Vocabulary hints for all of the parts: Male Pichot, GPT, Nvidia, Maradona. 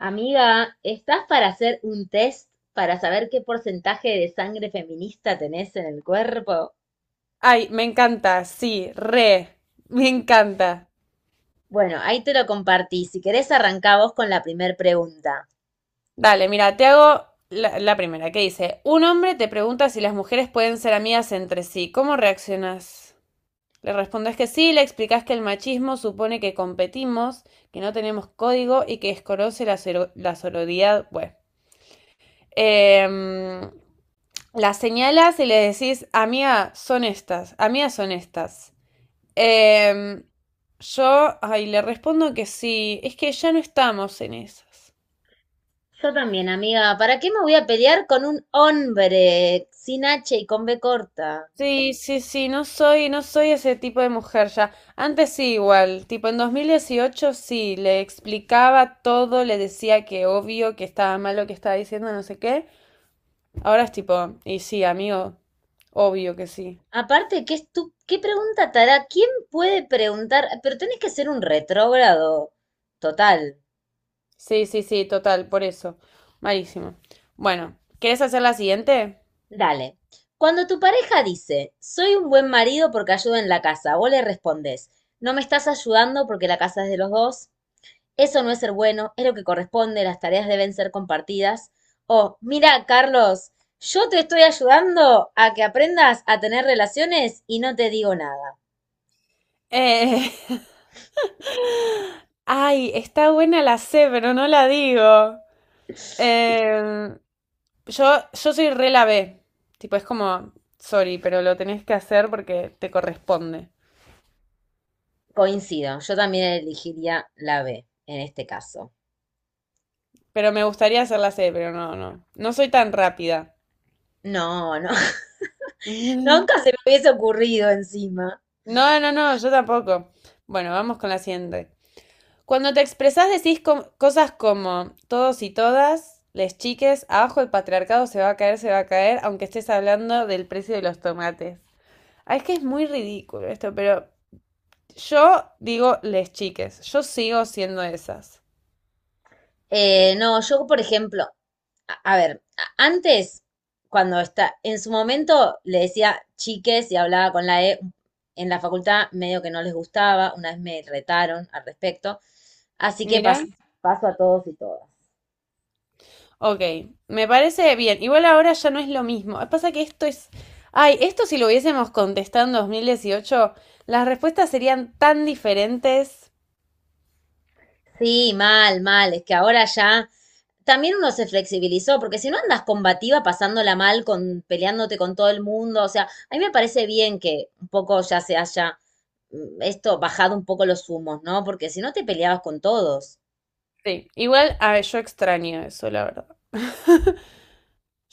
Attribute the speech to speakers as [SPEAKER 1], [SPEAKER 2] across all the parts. [SPEAKER 1] Amiga, ¿estás para hacer un test para saber qué porcentaje de sangre feminista tenés en el cuerpo?
[SPEAKER 2] Ay, me encanta, sí, me encanta.
[SPEAKER 1] Bueno, ahí te lo compartí. Si querés, arrancá vos con la primer pregunta.
[SPEAKER 2] Dale, mira, te hago la primera, que dice, un hombre te pregunta si las mujeres pueden ser amigas entre sí, ¿cómo reaccionas? Le respondes que sí, le explicas que el machismo supone que competimos, que no tenemos código y que desconoce la sororidad. Bueno, Em, la señalas y le decís, amiga, son estas, amigas son estas. Em, Ay, le respondo que sí, es que ya no estamos en esas.
[SPEAKER 1] Yo también, amiga. ¿Para qué me voy a pelear con un hombre sin H y con B corta?
[SPEAKER 2] Sí, sí, sí, no soy ese tipo de mujer ya. Antes sí, igual, tipo en 2018 sí, le explicaba todo, le decía que obvio, que estaba mal lo que estaba diciendo, no sé qué. Ahora es tipo, y sí, amigo, obvio que sí.
[SPEAKER 1] Aparte, ¿qué, qué pregunta te hará? ¿Quién puede preguntar? Pero tenés que ser un retrógrado total.
[SPEAKER 2] Sí, sí, sí, total, por eso. Malísimo. Bueno, ¿quieres hacer la siguiente?
[SPEAKER 1] Dale. Cuando tu pareja dice, soy un buen marido porque ayudo en la casa, vos le respondés, no me estás ayudando porque la casa es de los dos, eso no es ser bueno, es lo que corresponde, las tareas deben ser compartidas. O, mira, Carlos, yo te estoy ayudando a que aprendas a tener relaciones y no te digo nada.
[SPEAKER 2] Eh, Ay, está buena la C, pero no la digo. Eh, yo, yo soy re la B. Tipo, es como, sorry, pero lo tenés que hacer porque te corresponde.
[SPEAKER 1] Coincido, yo también elegiría la B en este caso.
[SPEAKER 2] Pero me gustaría hacer la C, pero no, no. No soy tan rápida.
[SPEAKER 1] No, no,
[SPEAKER 2] Mm.
[SPEAKER 1] nunca se me hubiese ocurrido encima.
[SPEAKER 2] No, no, no, yo tampoco. Bueno, vamos con la siguiente. Cuando te expresás decís cosas como todos y todas, les chiques, abajo el patriarcado se va a caer, se va a caer, aunque estés hablando del precio de los tomates. Ah, es que es muy ridículo esto, pero yo digo les chiques, yo sigo siendo esas.
[SPEAKER 1] No, yo, por ejemplo, antes, en su momento le decía chiques y hablaba con la E, en la facultad medio que no les gustaba, una vez me retaron al respecto, así que
[SPEAKER 2] Mirá,
[SPEAKER 1] paso a todos y todas.
[SPEAKER 2] ok, me parece bien. Igual ahora ya no es lo mismo. Pasa que esto es... Ay, esto si lo hubiésemos contestado en 2018, las respuestas serían tan diferentes.
[SPEAKER 1] Sí, mal, mal, es que ahora ya también uno se flexibilizó, porque si no andas combativa pasándola mal, con, peleándote con todo el mundo, o sea, a mí me parece bien que un poco ya se haya esto bajado un poco los humos, ¿no? Porque si no te peleabas con todos
[SPEAKER 2] Sí, igual a yo extraño eso, la verdad.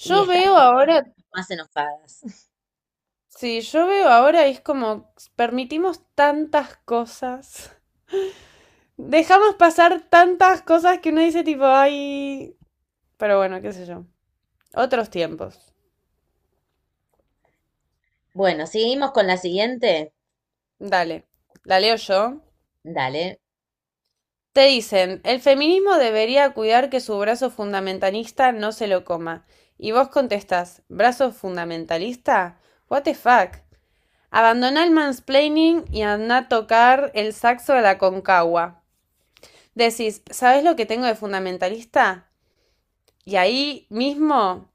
[SPEAKER 1] y
[SPEAKER 2] Yo veo
[SPEAKER 1] estábamos todas
[SPEAKER 2] ahora,
[SPEAKER 1] más enojadas.
[SPEAKER 2] sí, yo veo ahora es como permitimos tantas cosas. Dejamos pasar tantas cosas que uno dice tipo, ay, pero bueno, qué sé yo. Otros tiempos.
[SPEAKER 1] Bueno, seguimos con la siguiente.
[SPEAKER 2] Dale, la leo yo.
[SPEAKER 1] Dale.
[SPEAKER 2] Te dicen, el feminismo debería cuidar que su brazo fundamentalista no se lo coma. Y vos contestás, ¿brazo fundamentalista? What the fuck? Abandoná el mansplaining y andá a tocar el saxo de la concagua. Decís, ¿sabés lo que tengo de fundamentalista? Y ahí mismo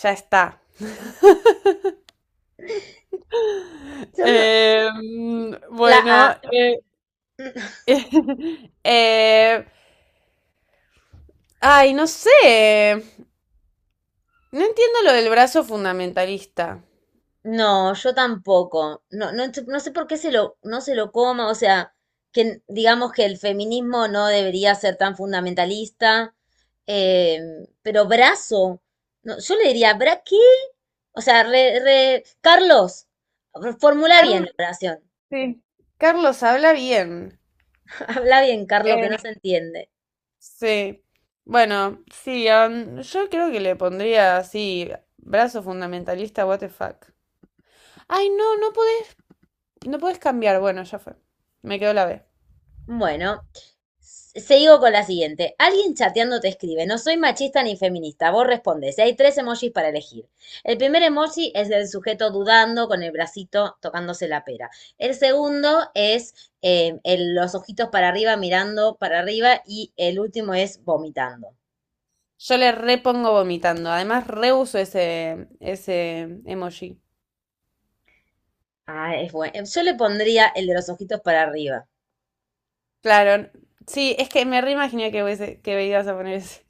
[SPEAKER 2] ya está.
[SPEAKER 1] Yo no-
[SPEAKER 2] Eh,
[SPEAKER 1] La A.
[SPEAKER 2] bueno, eh, eh, ay, no sé. No entiendo lo del brazo fundamentalista.
[SPEAKER 1] No, yo tampoco. No, no sé por qué no se lo coma, o sea, que digamos que el feminismo no debería ser tan fundamentalista, eh, pero brazo, no, yo le diría, ¿bra qué? O sea, Carlos, formula bien
[SPEAKER 2] Carl-
[SPEAKER 1] la oración.
[SPEAKER 2] sí. Carlos habla bien.
[SPEAKER 1] Habla bien, Carlos, que
[SPEAKER 2] Eh,
[SPEAKER 1] no se entiende.
[SPEAKER 2] sí. Bueno, sí, yo creo que le pondría así, brazo fundamentalista, what the fuck. Ay, no, no podés, no podés cambiar. Bueno, ya fue. Me quedó la B.
[SPEAKER 1] Bueno, sigo con la siguiente. Alguien chateando te escribe, no soy machista ni feminista. Vos respondes, y hay tres emojis para elegir. El primer emoji es el sujeto dudando con el bracito tocándose la pera. El segundo es los ojitos para arriba mirando para arriba y el último es vomitando.
[SPEAKER 2] Yo le repongo vomitando. Además, reuso ese emoji.
[SPEAKER 1] Ah, es bueno. Yo le pondría el de los ojitos para arriba.
[SPEAKER 2] Claro, sí, es que me reimaginé que ibas a poner ese.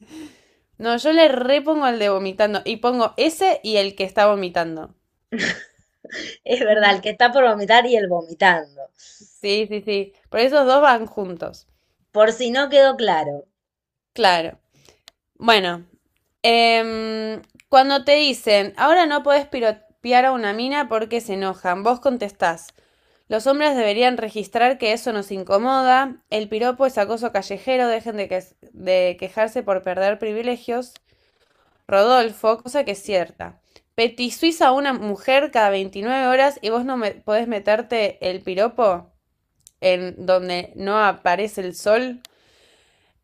[SPEAKER 2] No, yo le repongo el de vomitando y pongo ese y el que está vomitando.
[SPEAKER 1] Es verdad, el
[SPEAKER 2] Mm,
[SPEAKER 1] que está por vomitar y el vomitando.
[SPEAKER 2] sí, sí, sí. Por esos dos van juntos.
[SPEAKER 1] Por si no quedó claro.
[SPEAKER 2] Claro. Bueno, em, cuando te dicen, ahora no podés piropear a una mina porque se enojan, vos contestás, los hombres deberían registrar que eso nos incomoda, el piropo es acoso callejero, dejen de quejarse por perder privilegios. Rodolfo, cosa que es cierta. Petizuís a una mujer cada 29 horas y vos no me podés meterte el piropo en donde no aparece el sol.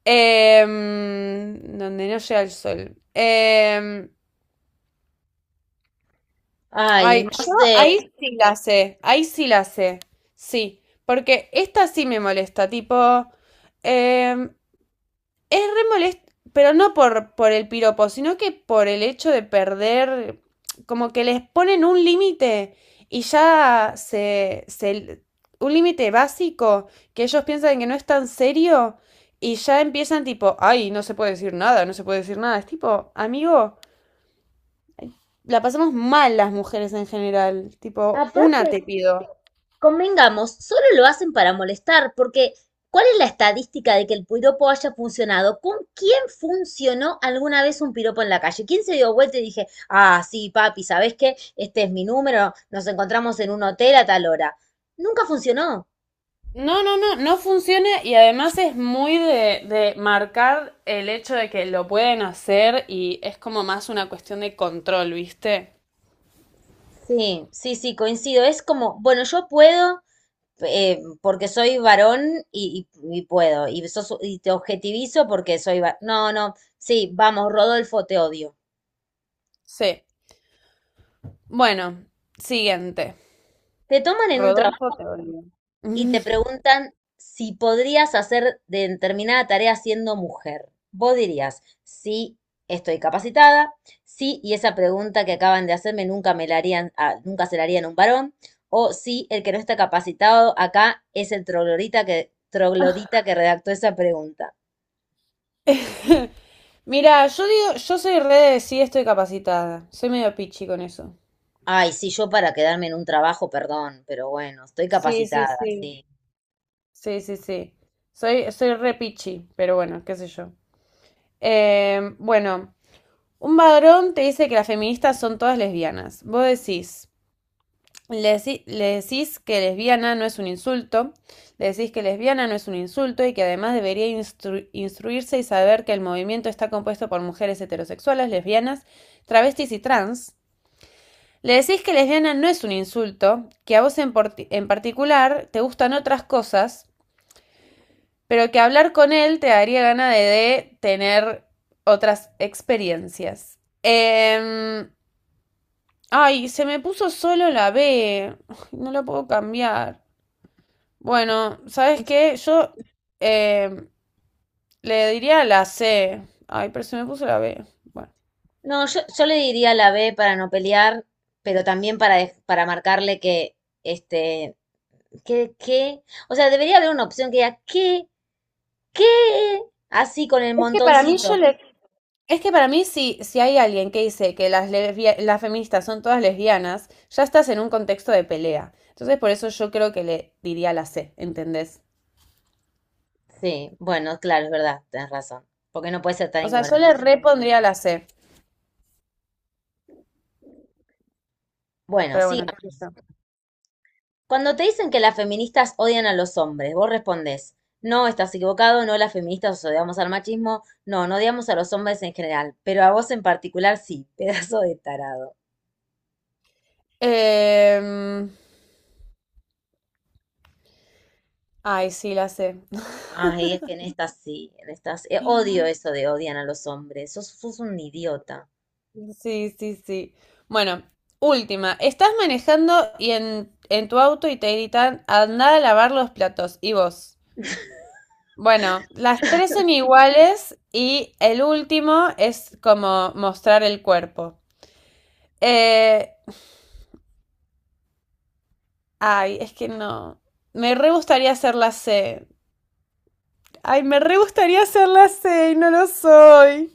[SPEAKER 2] Donde no llega el sol.
[SPEAKER 1] Ay,
[SPEAKER 2] Ay,
[SPEAKER 1] no
[SPEAKER 2] yo
[SPEAKER 1] sé.
[SPEAKER 2] ahí sí la sé, ahí sí la sé. Sí, porque esta sí me molesta, tipo, em, es re molesto, pero no por el piropo, sino que por el hecho de perder, como que les ponen un límite y ya un límite básico que ellos piensan que no es tan serio y ya empiezan tipo, ay, no se puede decir nada, no se puede decir nada. Es tipo, amigo, la pasamos mal las mujeres en general, tipo, una
[SPEAKER 1] Aparte,
[SPEAKER 2] te pido.
[SPEAKER 1] convengamos, solo lo hacen para molestar, porque ¿cuál es la estadística de que el piropo haya funcionado? ¿Con quién funcionó alguna vez un piropo en la calle? ¿Quién se dio vuelta y dije, ah, sí, papi, ¿sabes qué? Este es mi número, nos encontramos en un hotel a tal hora. Nunca funcionó.
[SPEAKER 2] No, no, no, no funciona y además es muy de marcar el hecho de que lo pueden hacer y es como más una cuestión de control, ¿viste?
[SPEAKER 1] Sí, sí, sí, coincido. Es como, bueno, yo puedo, porque soy varón y puedo, y te objetivizo porque soy varón. No, no, sí, vamos, Rodolfo, te odio.
[SPEAKER 2] Sí. Bueno, siguiente.
[SPEAKER 1] Te toman en un
[SPEAKER 2] Rodolfo
[SPEAKER 1] trabajo
[SPEAKER 2] teoría.
[SPEAKER 1] y
[SPEAKER 2] Mm.
[SPEAKER 1] te preguntan si podrías hacer determinada tarea siendo mujer. Vos dirías, sí, estoy capacitada, sí, y esa pregunta que acaban de hacerme nunca me la harían, ah, nunca se la harían a un varón, o sí, el que no está capacitado acá es el troglodita troglodita que redactó esa pregunta.
[SPEAKER 2] Mira, yo digo, yo soy re de sí estoy capacitada. Soy medio pichi con eso.
[SPEAKER 1] Ay, sí, yo para quedarme en un trabajo, perdón, pero bueno, estoy
[SPEAKER 2] Sí, sí,
[SPEAKER 1] capacitada,
[SPEAKER 2] sí.
[SPEAKER 1] sí.
[SPEAKER 2] Sí, sí, sí. Soy re pichi, pero bueno, qué sé yo. Bueno, un varón te dice que las feministas son todas lesbianas. Vos decís. Le decís que lesbiana no es un insulto, le decís que lesbiana no es un insulto y que además debería instruirse y saber que el movimiento está compuesto por mujeres heterosexuales, lesbianas, travestis y trans. Le decís que lesbiana no es un insulto, que a vos en particular te gustan otras cosas, pero que hablar con él te daría gana de tener otras experiencias. Ay, se me puso solo la B. No la puedo cambiar. Bueno, ¿sabes qué? Yo eh, le diría la C. Ay, pero se me puso la B. Bueno.
[SPEAKER 1] No, yo le diría la B para no pelear, pero también para, para marcarle que este, ¿Qué, qué? O sea, debería haber una opción que diga, ¿qué? ¿Qué? Así con el
[SPEAKER 2] Es que para mí yo
[SPEAKER 1] montoncito.
[SPEAKER 2] le... Es que para mí, si hay alguien que dice que las feministas son todas lesbianas, ya estás en un contexto de pelea. Entonces, por eso yo creo que le diría la C, ¿entendés?
[SPEAKER 1] Sí, bueno, claro, es verdad, tenés razón. Porque no puede ser tan
[SPEAKER 2] O sea, yo le
[SPEAKER 1] ignorante.
[SPEAKER 2] repondría la C,
[SPEAKER 1] Bueno,
[SPEAKER 2] pero
[SPEAKER 1] siga.
[SPEAKER 2] bueno, qué sé yo.
[SPEAKER 1] Cuando te dicen que las feministas odian a los hombres, vos respondés, no, estás equivocado, no, las feministas os odiamos al machismo, no, no odiamos a los hombres en general, pero a vos en particular sí, pedazo de tarado.
[SPEAKER 2] Em, ay, sí, la C.
[SPEAKER 1] Ay, es que en estas sí, en estas, odio eso de odian a los hombres, sos, sos un idiota.
[SPEAKER 2] Sí, sí, sí. Bueno, última. Estás manejando y en tu auto y te gritan, andá a lavar los platos. Y vos. Bueno, las tres son iguales y el último es como mostrar el cuerpo. Eh, ay, es que no. Me re gustaría hacer la C. Ay, me re gustaría hacer la C y no lo soy.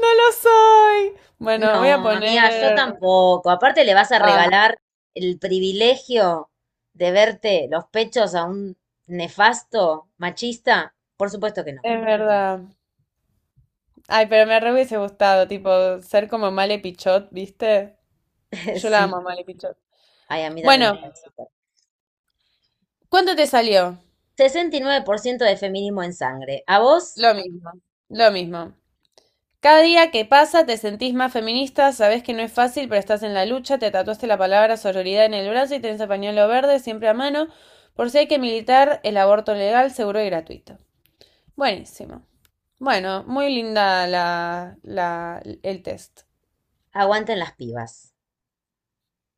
[SPEAKER 2] No lo soy. Bueno,
[SPEAKER 1] No,
[SPEAKER 2] voy a
[SPEAKER 1] amiga, yo
[SPEAKER 2] poner...
[SPEAKER 1] tampoco. Aparte le vas a
[SPEAKER 2] Ah,
[SPEAKER 1] regalar el privilegio de verte los pechos a un nefasto machista. Por supuesto que no.
[SPEAKER 2] es verdad. Ay, pero me re hubiese gustado, tipo, ser como Male Pichot, ¿viste? Yo la
[SPEAKER 1] Sí.
[SPEAKER 2] amo a Male Pichot.
[SPEAKER 1] Ay, a mí también
[SPEAKER 2] Bueno,
[SPEAKER 1] me cae súper.
[SPEAKER 2] ¿cuánto te salió?
[SPEAKER 1] 69% de feminismo en sangre. A vos,
[SPEAKER 2] Lo mismo, lo mismo. Cada día que pasa te sentís más feminista, sabés que no es fácil, pero estás en la lucha, te tatuaste la palabra sororidad en el brazo y tenés el pañuelo verde siempre a mano, por si hay que militar el aborto legal, seguro y gratuito. Buenísimo. Bueno, muy linda el test.
[SPEAKER 1] aguanten las pibas.